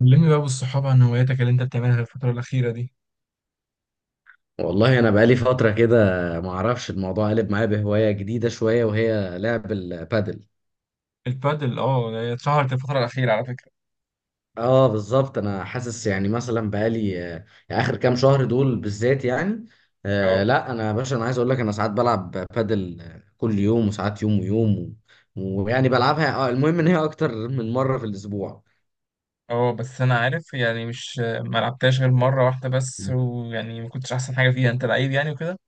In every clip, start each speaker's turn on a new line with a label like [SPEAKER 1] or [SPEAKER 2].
[SPEAKER 1] كلمني بقى بالصحاب عن هواياتك اللي انت بتعملها الفترة الأخيرة دي.
[SPEAKER 2] والله انا بقالي فتره كده، ما اعرفش الموضوع قلب معايا بهوايه جديده شويه وهي لعب البادل.
[SPEAKER 1] البادل، اه، هي اتشهرت الفترة الأخيرة على فكرة.
[SPEAKER 2] اه بالظبط، انا حاسس يعني مثلا بقالي اخر كام شهر دول بالذات يعني. آه
[SPEAKER 1] اه
[SPEAKER 2] لا، انا يا باشا انا عايز اقول لك انا ساعات بلعب بادل كل يوم وساعات يوم ويوم ويعني بلعبها المهم ان هي اكتر من مره في الاسبوع.
[SPEAKER 1] اه بس أنا عارف يعني مش ما لعبتهاش غير مرة واحدة بس، ويعني ما كنتش أحسن حاجة فيها، أنت لعيب يعني وكده.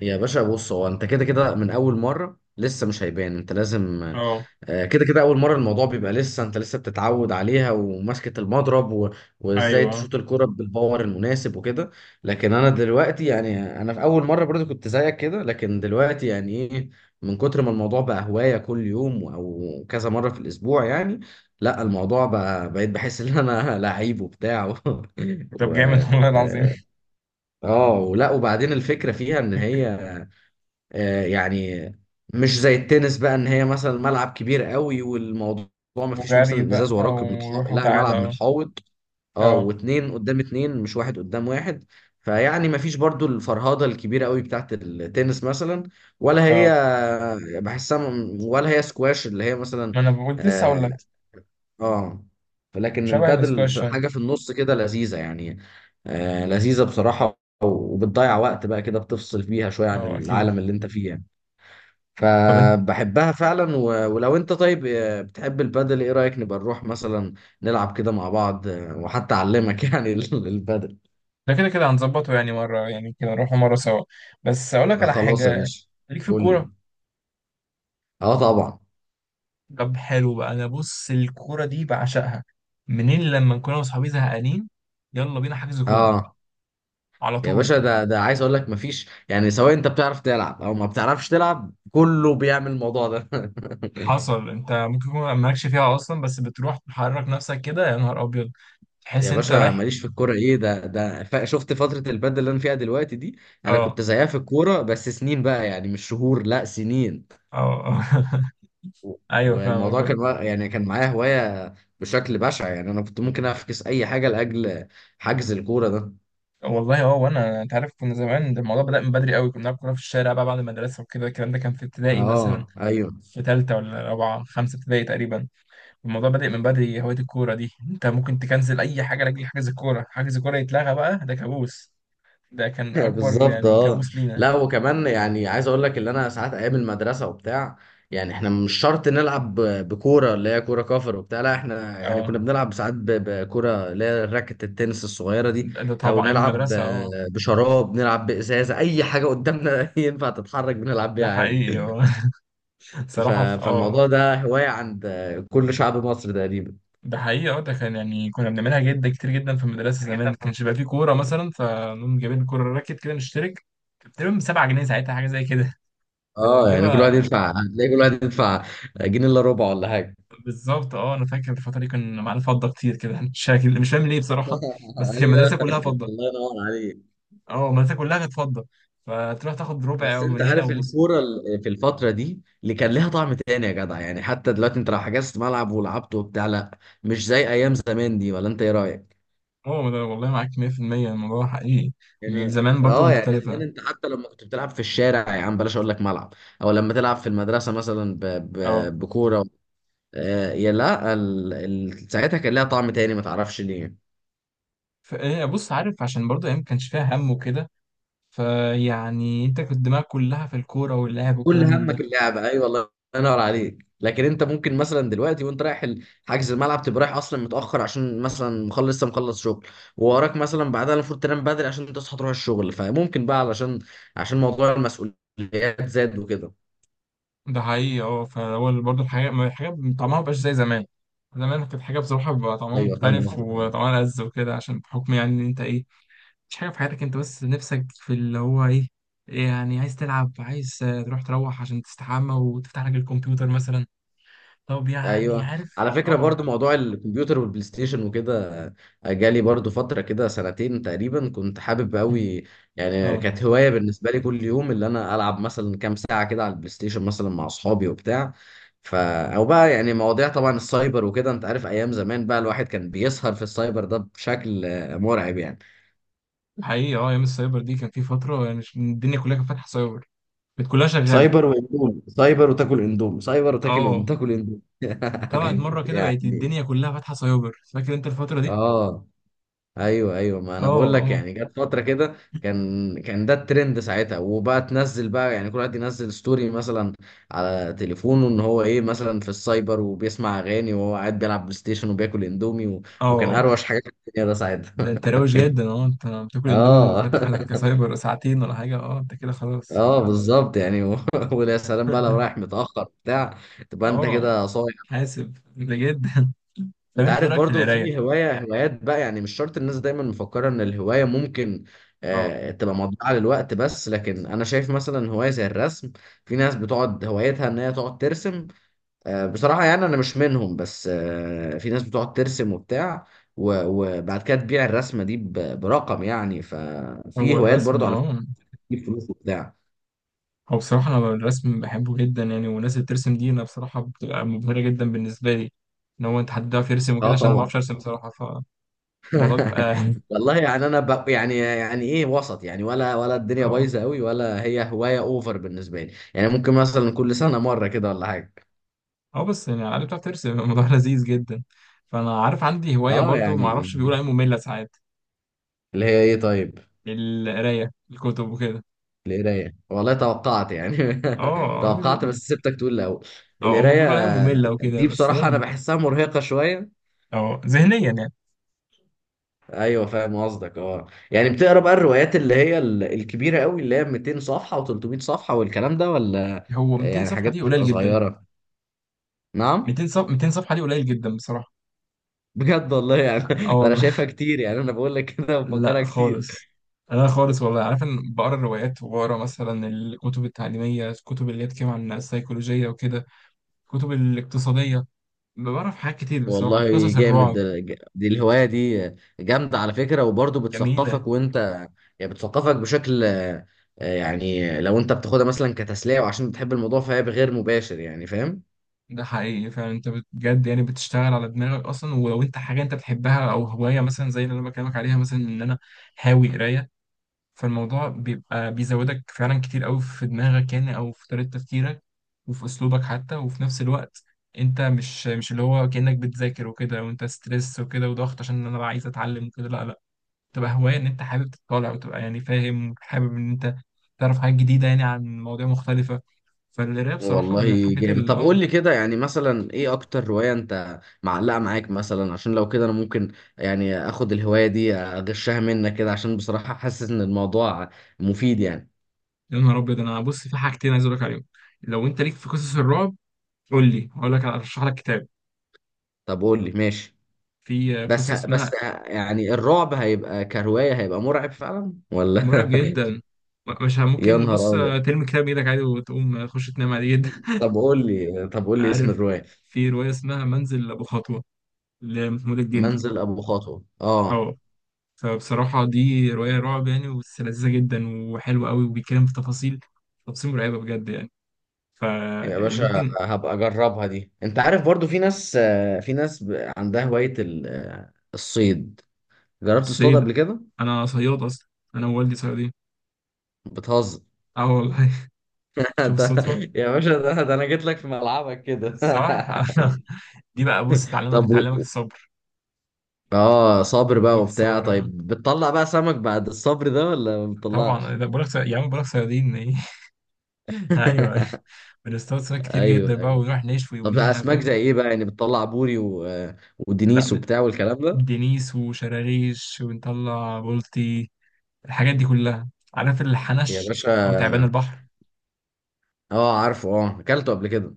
[SPEAKER 2] يا باشا بص، هو انت كده كده من اول مره لسه مش هيبان، انت لازم
[SPEAKER 1] اه
[SPEAKER 2] كده كده اول مره الموضوع بيبقى، لسه انت لسه بتتعود عليها وماسكه المضرب وازاي
[SPEAKER 1] أيوه.
[SPEAKER 2] تشوط الكرة بالباور المناسب وكده. لكن انا دلوقتي يعني، انا في اول مره برضو كنت زيك كده، لكن دلوقتي يعني ايه، من كتر ما الموضوع بقى هوايه كل يوم او كذا مره في الاسبوع يعني، لا الموضوع بقى، بقيت بحس ان انا لعيب وبتاع
[SPEAKER 1] طب
[SPEAKER 2] و...
[SPEAKER 1] جامد والله العظيم.
[SPEAKER 2] اه، ولا وبعدين الفكره فيها ان هي يعني مش زي التنس بقى، ان هي مثلا ملعب كبير قوي والموضوع ما فيش
[SPEAKER 1] وجري
[SPEAKER 2] مثلا
[SPEAKER 1] بقى،
[SPEAKER 2] ازاز وراك
[SPEAKER 1] وروح
[SPEAKER 2] لا
[SPEAKER 1] وتعالى
[SPEAKER 2] الملعب متحوط. اه،
[SPEAKER 1] اه
[SPEAKER 2] واتنين قدام اتنين مش واحد قدام واحد. فيعني ما فيش برضو الفرهدة الكبيرة قوي بتاعت التنس مثلا، ولا هي
[SPEAKER 1] اه
[SPEAKER 2] بحسها ولا هي سكواش اللي هي مثلا.
[SPEAKER 1] ما أنا بقول، لسه أقول لك
[SPEAKER 2] اه. آه. لكن
[SPEAKER 1] شبه
[SPEAKER 2] البادل
[SPEAKER 1] الاسكواش
[SPEAKER 2] في
[SPEAKER 1] فعلا.
[SPEAKER 2] حاجة في النص كده لذيذة يعني. آه لذيذة بصراحة، وبتضيع وقت بقى كده بتفصل فيها شوية عن
[SPEAKER 1] اه أكيد.
[SPEAKER 2] العالم اللي انت فيه يعني.
[SPEAKER 1] طب انت
[SPEAKER 2] فبحبها فعلا، ولو انت طيب بتحب البادل، ايه رأيك نبقى نروح مثلا نلعب كده مع بعض وحتى اعلمك يعني البادل.
[SPEAKER 1] ده كده كده هنظبطه، يعني مرة يعني كده نروحوا مرة سوا. بس أقول لك على
[SPEAKER 2] خلاص يا
[SPEAKER 1] حاجة
[SPEAKER 2] باشا.
[SPEAKER 1] ليك في
[SPEAKER 2] قول
[SPEAKER 1] الكورة.
[SPEAKER 2] لي. اه طبعا.
[SPEAKER 1] طب حلو بقى، انا بص الكوره دي بعشقها. منين لما نكون انا واصحابي زهقانين، يلا بينا حجز كوره
[SPEAKER 2] اه
[SPEAKER 1] على
[SPEAKER 2] يا
[SPEAKER 1] طول.
[SPEAKER 2] باشا، ده ده عايز اقول لك مفيش، يعني سواء انت بتعرف تلعب او ما بتعرفش تلعب كله بيعمل الموضوع ده
[SPEAKER 1] حصل، انت ممكن يكون مالكش فيها اصلا، بس بتروح تحرك نفسك كده، يا نهار ابيض تحس
[SPEAKER 2] يا
[SPEAKER 1] انت
[SPEAKER 2] باشا،
[SPEAKER 1] رايح.
[SPEAKER 2] ماليش في الكوره ايه؟ ده شفت فتره البادل اللي انا فيها دلوقتي دي؟ انا
[SPEAKER 1] اه
[SPEAKER 2] كنت زيها في الكوره بس سنين بقى يعني، مش شهور، لا سنين.
[SPEAKER 1] اه ايوه، فاهمك
[SPEAKER 2] والموضوع
[SPEAKER 1] بقى.
[SPEAKER 2] كان يعني كان معايا هواية بشكل بشع، يعني أنا كنت ممكن أفكس أي حاجة لأجل حجز الكورة ده.
[SPEAKER 1] والله اه، وانا انت عارف كنا زمان، ده الموضوع بدأ من بدري قوي، كنا بنلعب كوره في الشارع بقى بعد المدرسه وكده، الكلام ده كان في ابتدائي مثلا،
[SPEAKER 2] اه ايوه
[SPEAKER 1] في ثالثه ولا رابعه خمسه ابتدائي تقريبا. الموضوع بادئ من بدري هواية الكورة دي، انت ممكن تكنسل اي حاجة لاجل حجز الكورة. حجز الكورة يتلغى بقى ده كابوس، ده كان اكبر
[SPEAKER 2] بالظبط.
[SPEAKER 1] يعني
[SPEAKER 2] اه
[SPEAKER 1] كابوس لينا.
[SPEAKER 2] لا، وكمان يعني عايز اقول لك اللي انا ساعات ايام المدرسه وبتاع، يعني احنا مش شرط نلعب بكوره اللي هي كوره كفر وبتاع، لا احنا يعني
[SPEAKER 1] اه
[SPEAKER 2] كنا بنلعب ساعات بكوره اللي هي راكت التنس الصغيره دي.
[SPEAKER 1] ده ده
[SPEAKER 2] او
[SPEAKER 1] طبعا ايام
[SPEAKER 2] نلعب
[SPEAKER 1] المدرسة اه.
[SPEAKER 2] بشراب، نلعب بازازه، اي حاجه قدامنا ينفع تتحرك بنلعب
[SPEAKER 1] ده
[SPEAKER 2] بيها عادي.
[SPEAKER 1] حقيقي اه
[SPEAKER 2] ف...
[SPEAKER 1] صراحة في اه.
[SPEAKER 2] فالموضوع ده هواية عند كل شعب مصر تقريبا.
[SPEAKER 1] ده حقيقي اه، ده كان يعني كنا بنعملها جدا كتير جدا في المدرسة زمان، كانش بقى فيه كورة مثلا فنقوم جايبين كورة راكت كده نشترك، كانت تقريبا ب 7 جنيه ساعتها حاجة زي كده كنا
[SPEAKER 2] اه يعني، كل واحد
[SPEAKER 1] بنجيبها.
[SPEAKER 2] يدفع، هتلاقي كل واحد يدفع جنيه الا ربع ولا حاجة.
[SPEAKER 1] بالظبط اه، انا فاكر الفترة دي كان معانا فضة كتير كده شكل، مش فاهم ليه بصراحة، بس كان المدرسة
[SPEAKER 2] ايوه،
[SPEAKER 1] كلها فضة.
[SPEAKER 2] الله ينور عليك.
[SPEAKER 1] اه، مدرسة كلها كانت فضة، فتروح تاخد ربع
[SPEAKER 2] بس
[SPEAKER 1] او
[SPEAKER 2] انت
[SPEAKER 1] جنيه
[SPEAKER 2] عارف
[SPEAKER 1] او نص.
[SPEAKER 2] الكوره في الفتره دي اللي كان لها طعم تاني يا جدع، يعني حتى دلوقتي انت لو حجزت ملعب ولعبت وبتاع لا مش زي ايام زمان دي، ولا انت ايه رايك؟
[SPEAKER 1] اه ده والله معاك 100%، الموضوع حقيقي.
[SPEAKER 2] يعني
[SPEAKER 1] زمان برضو
[SPEAKER 2] اه، يعني
[SPEAKER 1] مختلفة
[SPEAKER 2] زمان انت حتى لما كنت بتلعب في الشارع يا عم، بلاش اقول لك ملعب، او لما تلعب في المدرسه مثلا ب...
[SPEAKER 1] اه.
[SPEAKER 2] ب... بكوره يا لا ساعتها كان لها طعم تاني ما تعرفش ليه.
[SPEAKER 1] فايه بص، عارف عشان برضو ايام ما كانش فيها هم وكده، فيعني انت كنت دماغك كلها في الكورة واللعب
[SPEAKER 2] كل
[SPEAKER 1] والكلام من
[SPEAKER 2] همك
[SPEAKER 1] ده.
[SPEAKER 2] اللعبه، ايوه الله ينور عليك. لكن انت ممكن مثلا دلوقتي وانت رايح حجز الملعب، تبقى رايح اصلا متاخر عشان مثلا مخلص، لسه مخلص شغل، ووراك مثلا بعدها المفروض تنام بدري عشان تصحى تروح الشغل، فممكن بقى عشان موضوع المسؤوليات زاد وكده.
[SPEAKER 1] ده حقيقي اه، فهو برضو الحاجة الحاجة طعمها مبقاش زي زمان، زمان كانت حاجة بصراحة بيبقى طعمها
[SPEAKER 2] ايوه فاهم
[SPEAKER 1] مختلف
[SPEAKER 2] قصدك.
[SPEAKER 1] وطعمها لذ وكده، عشان بحكم يعني ان انت ايه، مش حاجة في حياتك انت بس نفسك في اللي هو ايه. يعني عايز تلعب، عايز تروح عشان تستحمى وتفتح لك الكمبيوتر مثلا. طب يعني
[SPEAKER 2] ايوه
[SPEAKER 1] عارف
[SPEAKER 2] على فكره،
[SPEAKER 1] اه
[SPEAKER 2] برضو موضوع الكمبيوتر والبلاي ستيشن وكده جالي برضو فتره كده سنتين تقريبا كنت حابب قوي. يعني
[SPEAKER 1] اه
[SPEAKER 2] كانت هوايه بالنسبه لي كل يوم، اللي انا العب مثلا كام ساعه كده على البلاي ستيشن مثلا مع اصحابي وبتاع. ف او بقى يعني مواضيع طبعا السايبر وكده، انت عارف ايام زمان بقى الواحد كان بيسهر في السايبر ده بشكل مرعب يعني.
[SPEAKER 1] حقيقي اه، ايام السايبر دي كان في فترة يعني، الدنيا كلها كانت فاتحة سايبر، كانت كلها شغالة.
[SPEAKER 2] سايبر واندومي، سايبر وتاكل اندومي، سايبر وتاكل
[SPEAKER 1] اه
[SPEAKER 2] اندومي
[SPEAKER 1] طلعت مرة كده بقت
[SPEAKER 2] يعني.
[SPEAKER 1] الدنيا كلها فاتحة سايبر، فاكر انت الفترة دي؟
[SPEAKER 2] اه ايوه ايوه، ما
[SPEAKER 1] اه
[SPEAKER 2] انا بقول لك
[SPEAKER 1] اه
[SPEAKER 2] يعني جت فتره كده، كان ده الترند ساعتها، وبقى تنزل بقى يعني كل واحد ينزل ستوري مثلا على تليفونه، ان هو ايه مثلا في السايبر وبيسمع اغاني وهو قاعد بيلعب بلاي ستيشن وبياكل اندومي
[SPEAKER 1] اه
[SPEAKER 2] وكان
[SPEAKER 1] آه.
[SPEAKER 2] اروش حاجه في الدنيا ده ساعتها.
[SPEAKER 1] ده انت روش جدا اه، انت بتاكل اندومي
[SPEAKER 2] اه
[SPEAKER 1] وفاتح لك سايبر ساعتين ولا حاجة، اه انت كده خلاص
[SPEAKER 2] اه بالظبط يعني ويا سلام بقى لو رايح متاخر بتاع، تبقى انت
[SPEAKER 1] اه
[SPEAKER 2] كده صايع.
[SPEAKER 1] حاسب بجد. طب
[SPEAKER 2] انت
[SPEAKER 1] انت ايه
[SPEAKER 2] عارف
[SPEAKER 1] رايك في
[SPEAKER 2] برضو في
[SPEAKER 1] القرايه.
[SPEAKER 2] هوايات بقى، يعني مش شرط الناس دايما مفكرة ان الهواية ممكن
[SPEAKER 1] اه
[SPEAKER 2] تبقى مضيعة للوقت، بس لكن انا شايف مثلا هواية زي الرسم. في ناس بتقعد هوايتها ان هي تقعد ترسم. بصراحة يعني انا مش منهم، بس في ناس بتقعد ترسم وبتاع و- وبعد كده تبيع الرسمة دي برقم يعني. ففي
[SPEAKER 1] هو
[SPEAKER 2] هوايات
[SPEAKER 1] الرسم
[SPEAKER 2] برضو على
[SPEAKER 1] اه.
[SPEAKER 2] فكرة بتجيب فلوس وبتاع.
[SPEAKER 1] هو بصراحه انا الرسم بحبه جدا يعني، والناس اللي بترسم دي انا بصراحه بتبقى مبهره جدا بالنسبه لي، ان هو انت حد بيعرف يرسم وكده،
[SPEAKER 2] اه
[SPEAKER 1] عشان انا ما
[SPEAKER 2] طبعا
[SPEAKER 1] بعرفش ارسم بصراحه، فالموضوع بيبقى
[SPEAKER 2] والله يعني انا يعني ايه، وسط يعني، ولا الدنيا
[SPEAKER 1] اه
[SPEAKER 2] بايظه قوي ولا هي هوايه اوفر بالنسبه لي، يعني ممكن مثلا كل سنه مره كده ولا حاجه.
[SPEAKER 1] اه، بس يعني على بتعرف ترسم الموضوع لذيذ جدا. فانا عارف عندي هوايه
[SPEAKER 2] اه
[SPEAKER 1] برضو، ما
[SPEAKER 2] يعني
[SPEAKER 1] اعرفش بيقولوا عليها ممله ساعات،
[SPEAKER 2] اللي هي ايه طيب؟
[SPEAKER 1] القرايه الكتب وكده.
[SPEAKER 2] القرايه؟ والله توقعت يعني
[SPEAKER 1] اه
[SPEAKER 2] توقعت،
[SPEAKER 1] بي-
[SPEAKER 2] بس سبتك تقول الاول.
[SPEAKER 1] اه هم
[SPEAKER 2] القرايه
[SPEAKER 1] بيقولوا عليها ممله وكده،
[SPEAKER 2] دي
[SPEAKER 1] بس هي
[SPEAKER 2] بصراحه انا بحسها مرهقه شويه.
[SPEAKER 1] اه ذهنيا يعني.
[SPEAKER 2] ايوه فاهم قصدك. اه يعني بتقرا بقى الروايات اللي هي الكبيره قوي، اللي هي 200 صفحه و300 صفحه والكلام ده، ولا
[SPEAKER 1] هو
[SPEAKER 2] يعني
[SPEAKER 1] 200 صفحه
[SPEAKER 2] حاجات
[SPEAKER 1] دي قليل
[SPEAKER 2] بتبقى
[SPEAKER 1] جدا.
[SPEAKER 2] صغيره؟ نعم.
[SPEAKER 1] 200 صفحه دي قليل جدا بصراحه.
[SPEAKER 2] بجد والله يعني
[SPEAKER 1] اه
[SPEAKER 2] انا
[SPEAKER 1] والله
[SPEAKER 2] شايفها كتير، يعني انا بقول لك كده بفكرها
[SPEAKER 1] لا
[SPEAKER 2] كتير.
[SPEAKER 1] خالص، انا خالص والله عارف ان بقرا الروايات، وبقرا مثلا الكتب التعليميه، الكتب اللي هي بتتكلم عن السيكولوجيه وكده، الكتب الاقتصاديه، بقرا في حاجات كتير بصراحه،
[SPEAKER 2] والله
[SPEAKER 1] قصص
[SPEAKER 2] جامد.
[SPEAKER 1] الرعب.
[SPEAKER 2] دي الهواية دي جامدة على فكرة، وبرضه
[SPEAKER 1] جميله.
[SPEAKER 2] بتثقفك، وانت يعني بتثقفك بشكل يعني لو انت بتاخدها مثلا كتسلية وعشان بتحب الموضوع فهي بغير مباشر، يعني فاهم.
[SPEAKER 1] ده حقيقي فعلا، انت بجد يعني بتشتغل على دماغك اصلا، ولو انت حاجه انت بتحبها او هوايه مثلا زي اللي انا بكلمك عليها، مثلا ان انا هاوي قرايه، فالموضوع بيبقى بيزودك فعلا كتير قوي في دماغك، يعني او في طريقة تفكيرك، وفي اسلوبك حتى، وفي نفس الوقت انت مش اللي هو كأنك بتذاكر وكده وانت ستريس وكده وضغط عشان انا بقى عايز اتعلم وكده، لا لا، تبقى هواية ان انت حابب تطالع، وتبقى يعني فاهم، حابب ان انت تعرف حاجات جديدة يعني عن مواضيع مختلفة. فالقراية بصراحة من
[SPEAKER 2] والله
[SPEAKER 1] الحاجات
[SPEAKER 2] جامد.
[SPEAKER 1] اللي
[SPEAKER 2] طب
[SPEAKER 1] اه،
[SPEAKER 2] قول لي كده، يعني مثلا ايه اكتر هواية انت معلقة معاك مثلا؟ عشان لو كده انا ممكن يعني اخد الهواية دي اغشها منك كده، عشان بصراحة حاسس ان الموضوع مفيد يعني.
[SPEAKER 1] يا نهار ابيض انا بص في حاجتين عايز اقول لك عليهم، لو انت ليك في قصص الرعب قول لي هقول لك ارشح لك كتاب.
[SPEAKER 2] طب قول لي ماشي.
[SPEAKER 1] في
[SPEAKER 2] بس
[SPEAKER 1] قصة
[SPEAKER 2] بس
[SPEAKER 1] اسمها،
[SPEAKER 2] يعني الرعب هيبقى كرواية، هيبقى مرعب فعلا ولا؟
[SPEAKER 1] مرعب جدا، م- مش ه-
[SPEAKER 2] يا
[SPEAKER 1] ممكن بص
[SPEAKER 2] نهار أبيض.
[SPEAKER 1] ترمي كتاب بايدك عادي وتقوم تخش تنام عادي جدا
[SPEAKER 2] طب قول لي اسم
[SPEAKER 1] عارف
[SPEAKER 2] الرواية.
[SPEAKER 1] في رواية اسمها منزل أبو خطوة لمحمود الجندي
[SPEAKER 2] منزل أبو خطوة اه.
[SPEAKER 1] اه، فبصراحة دي رواية رعب يعني، بس لذيذة جدا وحلوة قوي، وبيتكلم في تفاصيل، تفاصيل مرعبة بجد يعني، ف
[SPEAKER 2] يا
[SPEAKER 1] يعني
[SPEAKER 2] باشا
[SPEAKER 1] ممكن.
[SPEAKER 2] هبقى أجربها دي. أنت عارف برضو في ناس، في ناس عندها هواية الصيد. جربت تصطاد
[SPEAKER 1] الصيد،
[SPEAKER 2] قبل كده؟
[SPEAKER 1] أنا صياد أصلا، أنا ووالدي صيادين.
[SPEAKER 2] بتهزر؟
[SPEAKER 1] اه والله شوف
[SPEAKER 2] ده-
[SPEAKER 1] الصدفة.
[SPEAKER 2] يا باشا، ده أنا جيت لك في ملعبك كده
[SPEAKER 1] صح دي بقى بص تعلمك
[SPEAKER 2] طب
[SPEAKER 1] تعلمك الصبر.
[SPEAKER 2] اه صابر بقى وبتاع،
[SPEAKER 1] الصبر آه.
[SPEAKER 2] طيب بتطلع بقى سمك بعد الصبر ده ولا ما
[SPEAKER 1] طبعا
[SPEAKER 2] بتطلعش؟
[SPEAKER 1] ده بقولك يا عم بقولك صيادين ايه ايوه. بنصطاد سمك كتير جدا
[SPEAKER 2] ايوه
[SPEAKER 1] بقى
[SPEAKER 2] ايوه.
[SPEAKER 1] ونروح نشوي
[SPEAKER 2] طب
[SPEAKER 1] يوميها
[SPEAKER 2] اسماك زي
[SPEAKER 1] فاهم.
[SPEAKER 2] ايه بقى يعني؟ بتطلع بوري
[SPEAKER 1] لا
[SPEAKER 2] ودنيس
[SPEAKER 1] م-
[SPEAKER 2] وبتاع والكلام ده.
[SPEAKER 1] دنيس وشراريش ونطلع بلطي، الحاجات دي كلها. عارف
[SPEAKER 2] يا
[SPEAKER 1] الحنش او تعبان
[SPEAKER 2] باشا،
[SPEAKER 1] البحر.
[SPEAKER 2] اه عارفه، اه اكلته قبل كده.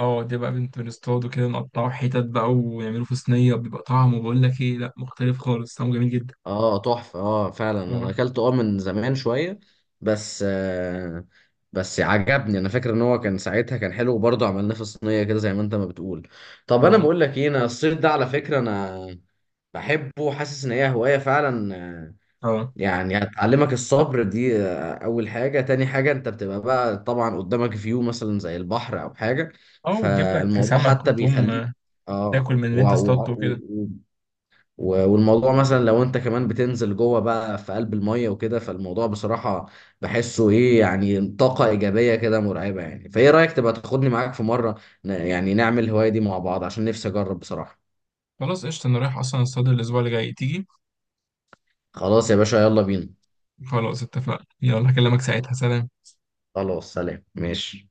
[SPEAKER 1] اه ده بقى بنت بنصطاده كده، نقطعه حتت بقى ونعمله في صينيه، بيبقى طعمه بقول لك ايه، لا مختلف خالص، طعمه جميل جدا.
[SPEAKER 2] اه تحفه، اه فعلا انا
[SPEAKER 1] اه
[SPEAKER 2] اكلته اه من زمان شويه. بس آه بس عجبني، انا فاكر ان هو كان ساعتها كان حلو، وبرضه عملناه في صينيه كده زي ما انت ما بتقول. طب انا
[SPEAKER 1] اه
[SPEAKER 2] بقول لك ايه، انا الصيد ده على فكره انا بحبه، حاسس ان هي هوايه فعلا.
[SPEAKER 1] اه
[SPEAKER 2] يعني هتعلمك الصبر دي اول حاجة، تاني حاجة انت بتبقى بقى طبعا قدامك فيو مثلا زي البحر او حاجة،
[SPEAKER 1] اه وتجيب لك
[SPEAKER 2] فالموضوع
[SPEAKER 1] سمك،
[SPEAKER 2] حتى
[SPEAKER 1] وتقوم
[SPEAKER 2] بيخليك
[SPEAKER 1] تاكل
[SPEAKER 2] اه
[SPEAKER 1] من اللي انت اصطادته وكده.
[SPEAKER 2] والموضوع مثلا لو انت كمان بتنزل جوه بقى في قلب المية وكده، فالموضوع بصراحة بحسه ايه يعني طاقة ايجابية كده مرعبة يعني، فايه رأيك تبقى تاخدني معاك في مرة يعني نعمل الهواية دي مع بعض عشان نفسي اجرب بصراحة؟
[SPEAKER 1] خلاص قشطة، انا رايح اصلا اصطاد الاسبوع اللي جاي، تيجي؟
[SPEAKER 2] خلاص يا باشا يلا بينا.
[SPEAKER 1] خلاص اتفقنا، يلا هكلمك ساعتها، سلام.
[SPEAKER 2] خلاص سلام ماشي.